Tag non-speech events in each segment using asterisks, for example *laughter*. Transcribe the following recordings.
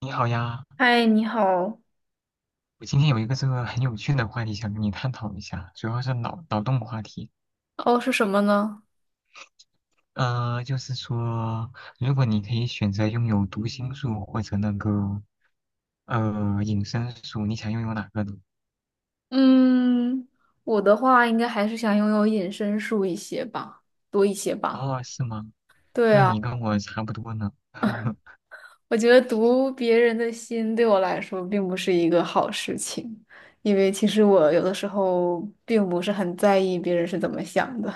你好呀，嗨，你好。我今天有一个这个很有趣的话题想跟你探讨一下，主要是脑洞话题。哦，是什么呢？就是说，如果你可以选择拥有读心术或者那个隐身术，你想拥有哪个呢？嗯，我的话应该还是想拥有隐身术一些吧，多一些吧。哦，是吗？对那啊，你跟我差不多呢。*laughs* 我觉得读别人的心对我来说并不是一个好事情，因为其实我有的时候并不是很在意别人是怎么想的。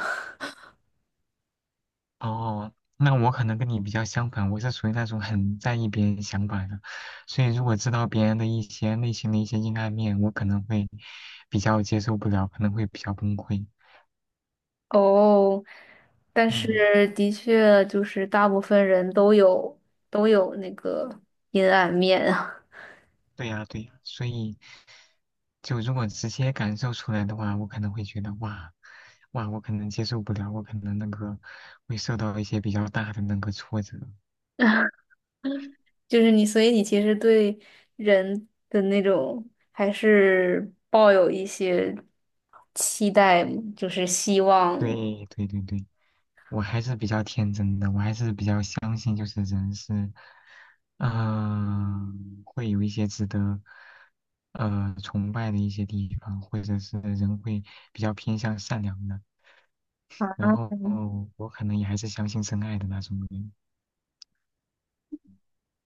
哦，那我可能跟你比较相反，我是属于那种很在意别人想法的，所以如果知道别人的一些内心的一些阴暗面，我可能会比较接受不了，可能会比较崩溃。*laughs* 哦，但嗯。是的确就是大部分人都有那个阴暗面啊。对呀，对呀，所以就如果直接感受出来的话，我可能会觉得哇，哇，我可能接受不了，我可能那个会受到一些比较大的那个挫折。*laughs* 就是你，所以你其实对人的那种还是抱有一些期待，就是希望。对，对，对，对，我还是比较天真的，我还是比较相信，就是人是，会有一些值得，崇拜的一些地方，或者是人会比较偏向善良的。啊，然后 *laughs* 我可能也还是相信真爱的那种人。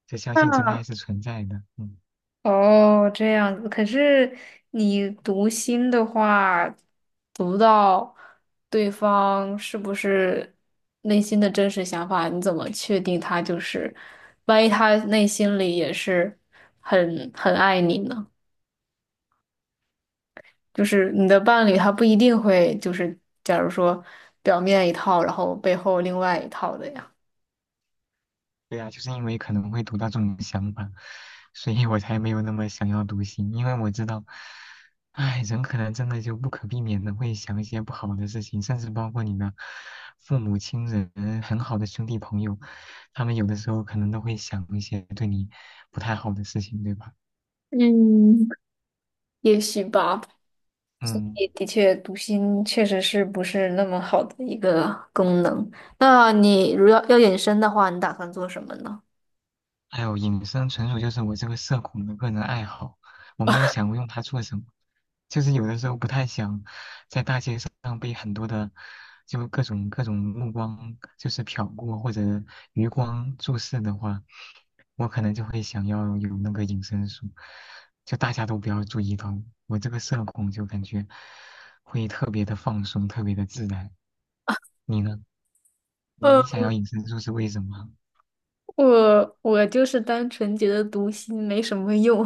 就相信真那爱是存在的。嗯，哦，这样子。可是你读心的话，读到对方是不是内心的真实想法，你怎么确定他就是？万一他内心里也是很爱你呢？就是你的伴侣他不一定会就是假如说表面一套，然后背后另外一套的呀。对啊，就是因为可能会读到这种想法，所以我才没有那么想要读心，因为我知道，唉，人可能真的就不可避免的会想一些不好的事情，甚至包括你的父母亲人、很好的兄弟朋友，他们有的时候可能都会想一些对你不太好的事情，对吧？嗯，也许吧。嗯。也的确，读心确实是不是那么好的一个功能。那你如要隐身的话，你打算做什么呢？哎呦，隐身纯属就是我这个社恐的个人爱好，我没有想过用它做什么，就是有的时候不太想在大街上被很多的就各种各种目光就是瞟过或者余光注视的话，我可能就会想要有那个隐身术，就大家都不要注意到我，我这个社恐就感觉会特别的放松，特别的自然。你呢？你想要隐身术是为什么？我就是单纯觉得读心没什么用，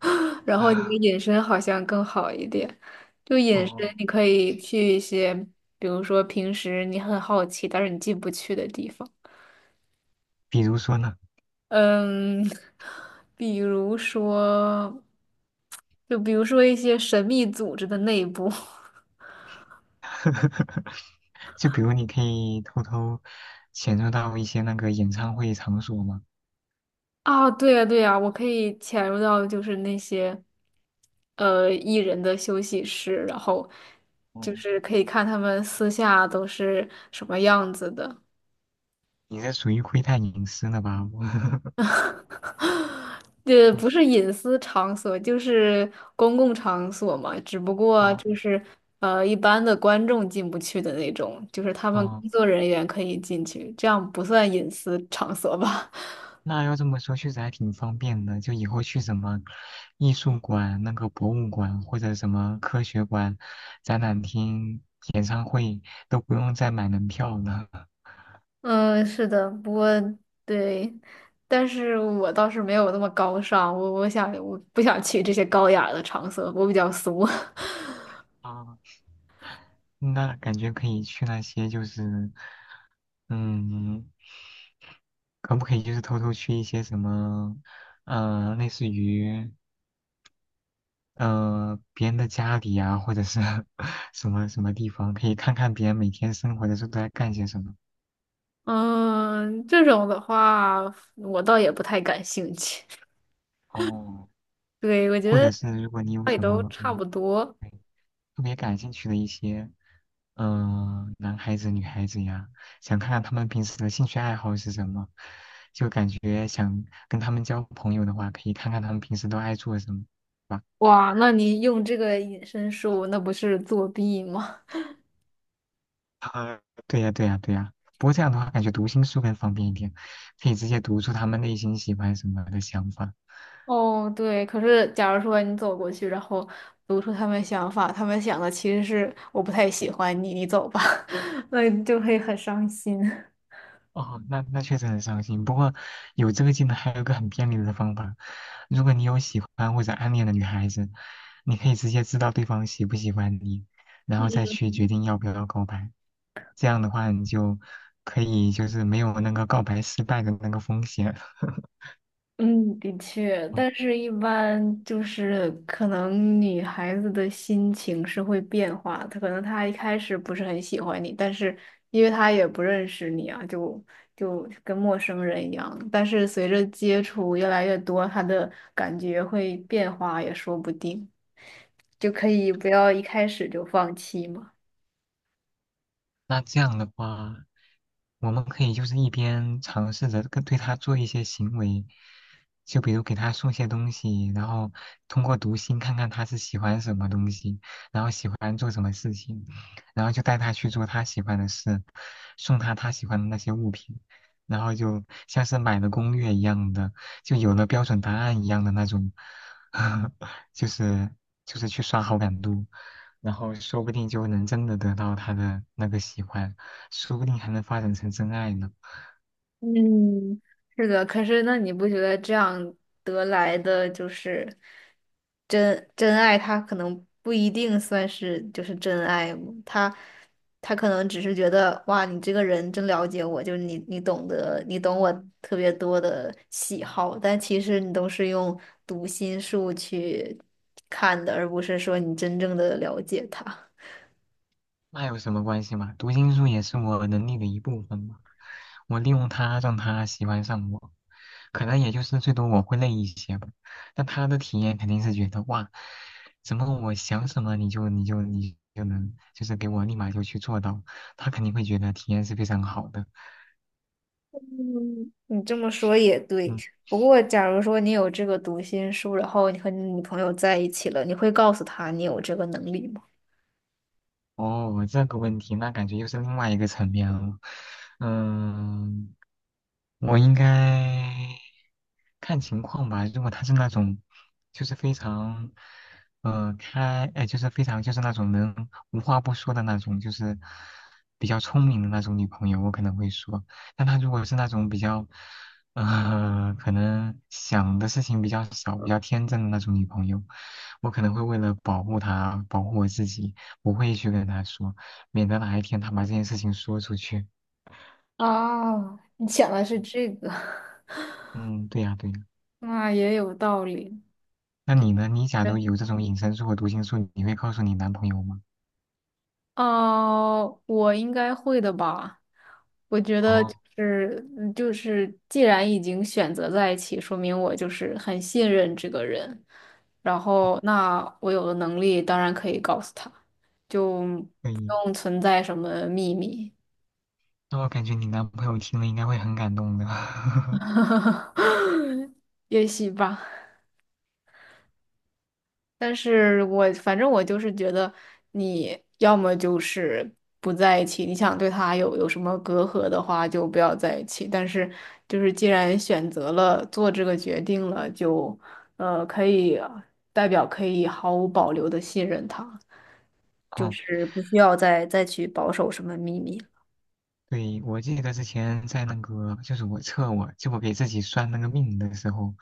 *laughs* 然后你的 *laughs* 引申好像更好一点。就引申，哦，你可以去一些，比如说平时你很好奇，但是你进不去的地方。比如说呢？嗯，*laughs* 比如说，就比如说一些神秘组织的内部。*laughs* *laughs* 就比如你可以偷偷潜入到一些那个演唱会场所嘛。啊，对呀，对呀，我可以潜入到就是那些，艺人的休息室，然后就哦，是可以看他们私下都是什么样子的。你这属于窥探隐私了吧？我 *laughs* *laughs* 不是隐私场所，就是公共场所嘛，只不过哦就是一般的观众进不去的那种，就是他们哦，工作人员可以进去，这样不算隐私场所吧？那要这么说，确实还挺方便的。就以后去什么艺术馆、那个博物馆或者什么科学馆、展览厅、演唱会，都不用再买门票了。嗯，是的，不过对，但是我倒是没有那么高尚，我想我不想去这些高雅的场所，我比较俗。啊，那感觉可以去那些就是，嗯。可不可以就是偷偷去一些什么，类似于别人的家里呀，或者是 *laughs* 什么什么地方，可以看看别人每天生活的时候都在干些什么。*laughs* 嗯，这种的话，我倒也不太感兴趣。哦，对，我觉或者得是如果你有也什都么差不多。对特别感兴趣的一些，男孩子、女孩子呀，想看看他们平时的兴趣爱好是什么，就感觉想跟他们交朋友的话，可以看看他们平时都爱做什么。吧。哇，那你用这个隐身术，那不是作弊吗？啊，对呀，对呀，对呀。不过这样的话，感觉读心术更方便一点，可以直接读出他们内心喜欢什么的想法。哦，对，可是假如说你走过去，然后读出他们想法，他们想的其实是我不太喜欢你，你走吧，*laughs* 那你就会很伤心。哦，那那确实很伤心。不过有这个技能，还有一个很便利的方法，如果你有喜欢或者暗恋的女孩子，你可以直接知道对方喜不喜欢你，然后再去决定要不要告白。这样的话，你就可以就是没有那个告白失败的那个风险。*laughs* 嗯，的确，但是一般就是可能女孩子的心情是会变化的，她可能她一开始不是很喜欢你，但是因为她也不认识你啊，就就跟陌生人一样。但是随着接触越来越多，她的感觉会变化也说不定，就可以不要一开始就放弃嘛。那这样的话，我们可以就是一边尝试着跟对他做一些行为，就比如给他送些东西，然后通过读心看看他是喜欢什么东西，然后喜欢做什么事情，然后就带他去做他喜欢的事，送他他喜欢的那些物品，然后就像是买了攻略一样的，就有了标准答案一样的那种，*laughs* 就是就是去刷好感度。然后说不定就能真的得到他的那个喜欢，说不定还能发展成真爱呢。嗯，是的，可是那你不觉得这样得来的就是真爱？他可能不一定算是就是真爱吗，他他可能只是觉得哇，你这个人真了解我，就是你你懂我特别多的喜好，但其实你都是用读心术去看的，而不是说你真正的了解他。那有什么关系嘛？读心术也是我能力的一部分嘛。我利用它让他喜欢上我，可能也就是最多我会累一些吧。但他的体验肯定是觉得哇，怎么我想什么你就能就是给我立马就去做到，他肯定会觉得体验是非常好的。嗯，你这么说也对。嗯，不过，假如说你有这个读心术，然后你和你女朋友在一起了，你会告诉她你有这个能力吗？哦，这个问题那感觉又是另外一个层面了。嗯。我应该看情况吧。如果她是那种，就是非常，就是非常就是那种能无话不说的那种，就是比较聪明的那种女朋友，我可能会说。但她如果是那种比较，可能想的事情比较少、比较天真的那种女朋友，我可能会为了保护她、保护我自己，不会去跟她说，免得哪一天她把这件事情说出去。啊，你想的是这个，嗯，对呀，对呀。*laughs* 那也有道理。那你呢？你假如有这种隐身术和读心术，你会告诉你男朋友吗？哦，我应该会的吧。我觉得就哦，是就是，既然已经选择在一起，说明我就是很信任这个人。然后，那我有的能力当然可以告诉他，就可不以。用存在什么秘密，那我感觉你男朋友听了应该会很感动的。*laughs* *laughs* 也许吧。但是我反正就是觉得，你要么就是不在一起，你想对他有什么隔阂的话，就不要在一起。但是就是既然选择了做这个决定了，就可以代表可以毫无保留的信任他。就哦，是不需要再去保守什么秘密了。对，我记得之前在那个，就是我测我，就我给自己算那个命的时候，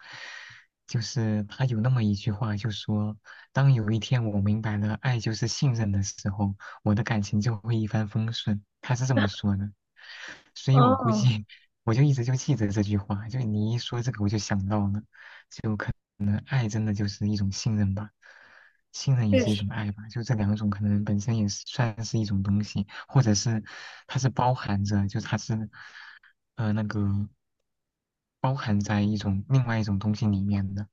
就是他有那么一句话，就说，当有一天我明白了爱就是信任的时候，我的感情就会一帆风顺。他是这么说的，所以我估哦，计 *laughs* 我就一直就记着这句话，就你一说这个我就想到了。爱真的就是一种信任吧，信任也确是一实，种爱吧，就这两种可能本身也是算是一种东西，或者是它是包含着，就它是那个包含在一种另外一种东西里面的，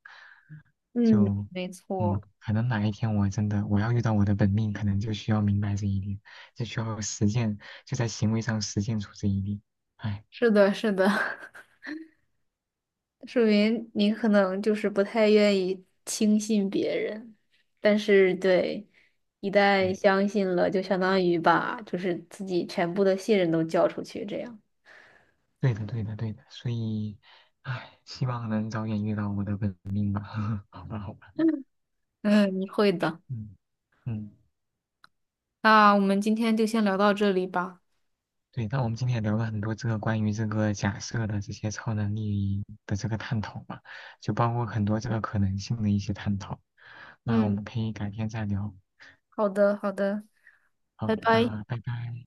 嗯，就没错。可能哪一天我真的我要遇到我的本命，可能就需要明白这一点，就需要实践，就在行为上实践出这一点。哎，是的，是的。*laughs* 说明你可能就是不太愿意轻信别人，但是对，一旦对，相信了，就相当于把就是自己全部的信任都交出去，这样。对的，对的，对的，所以。哎，希望能早点遇到我的本命吧。*laughs* 好吧，好吧。*laughs* 嗯，你会的。嗯嗯，那我们今天就先聊到这里吧。对，那我们今天也聊了很多这个关于这个假设的这些超能力的这个探讨嘛，就包括很多这个可能性的一些探讨。那我嗯，们可以改天再聊。好的，好的，拜好，拜。那拜拜。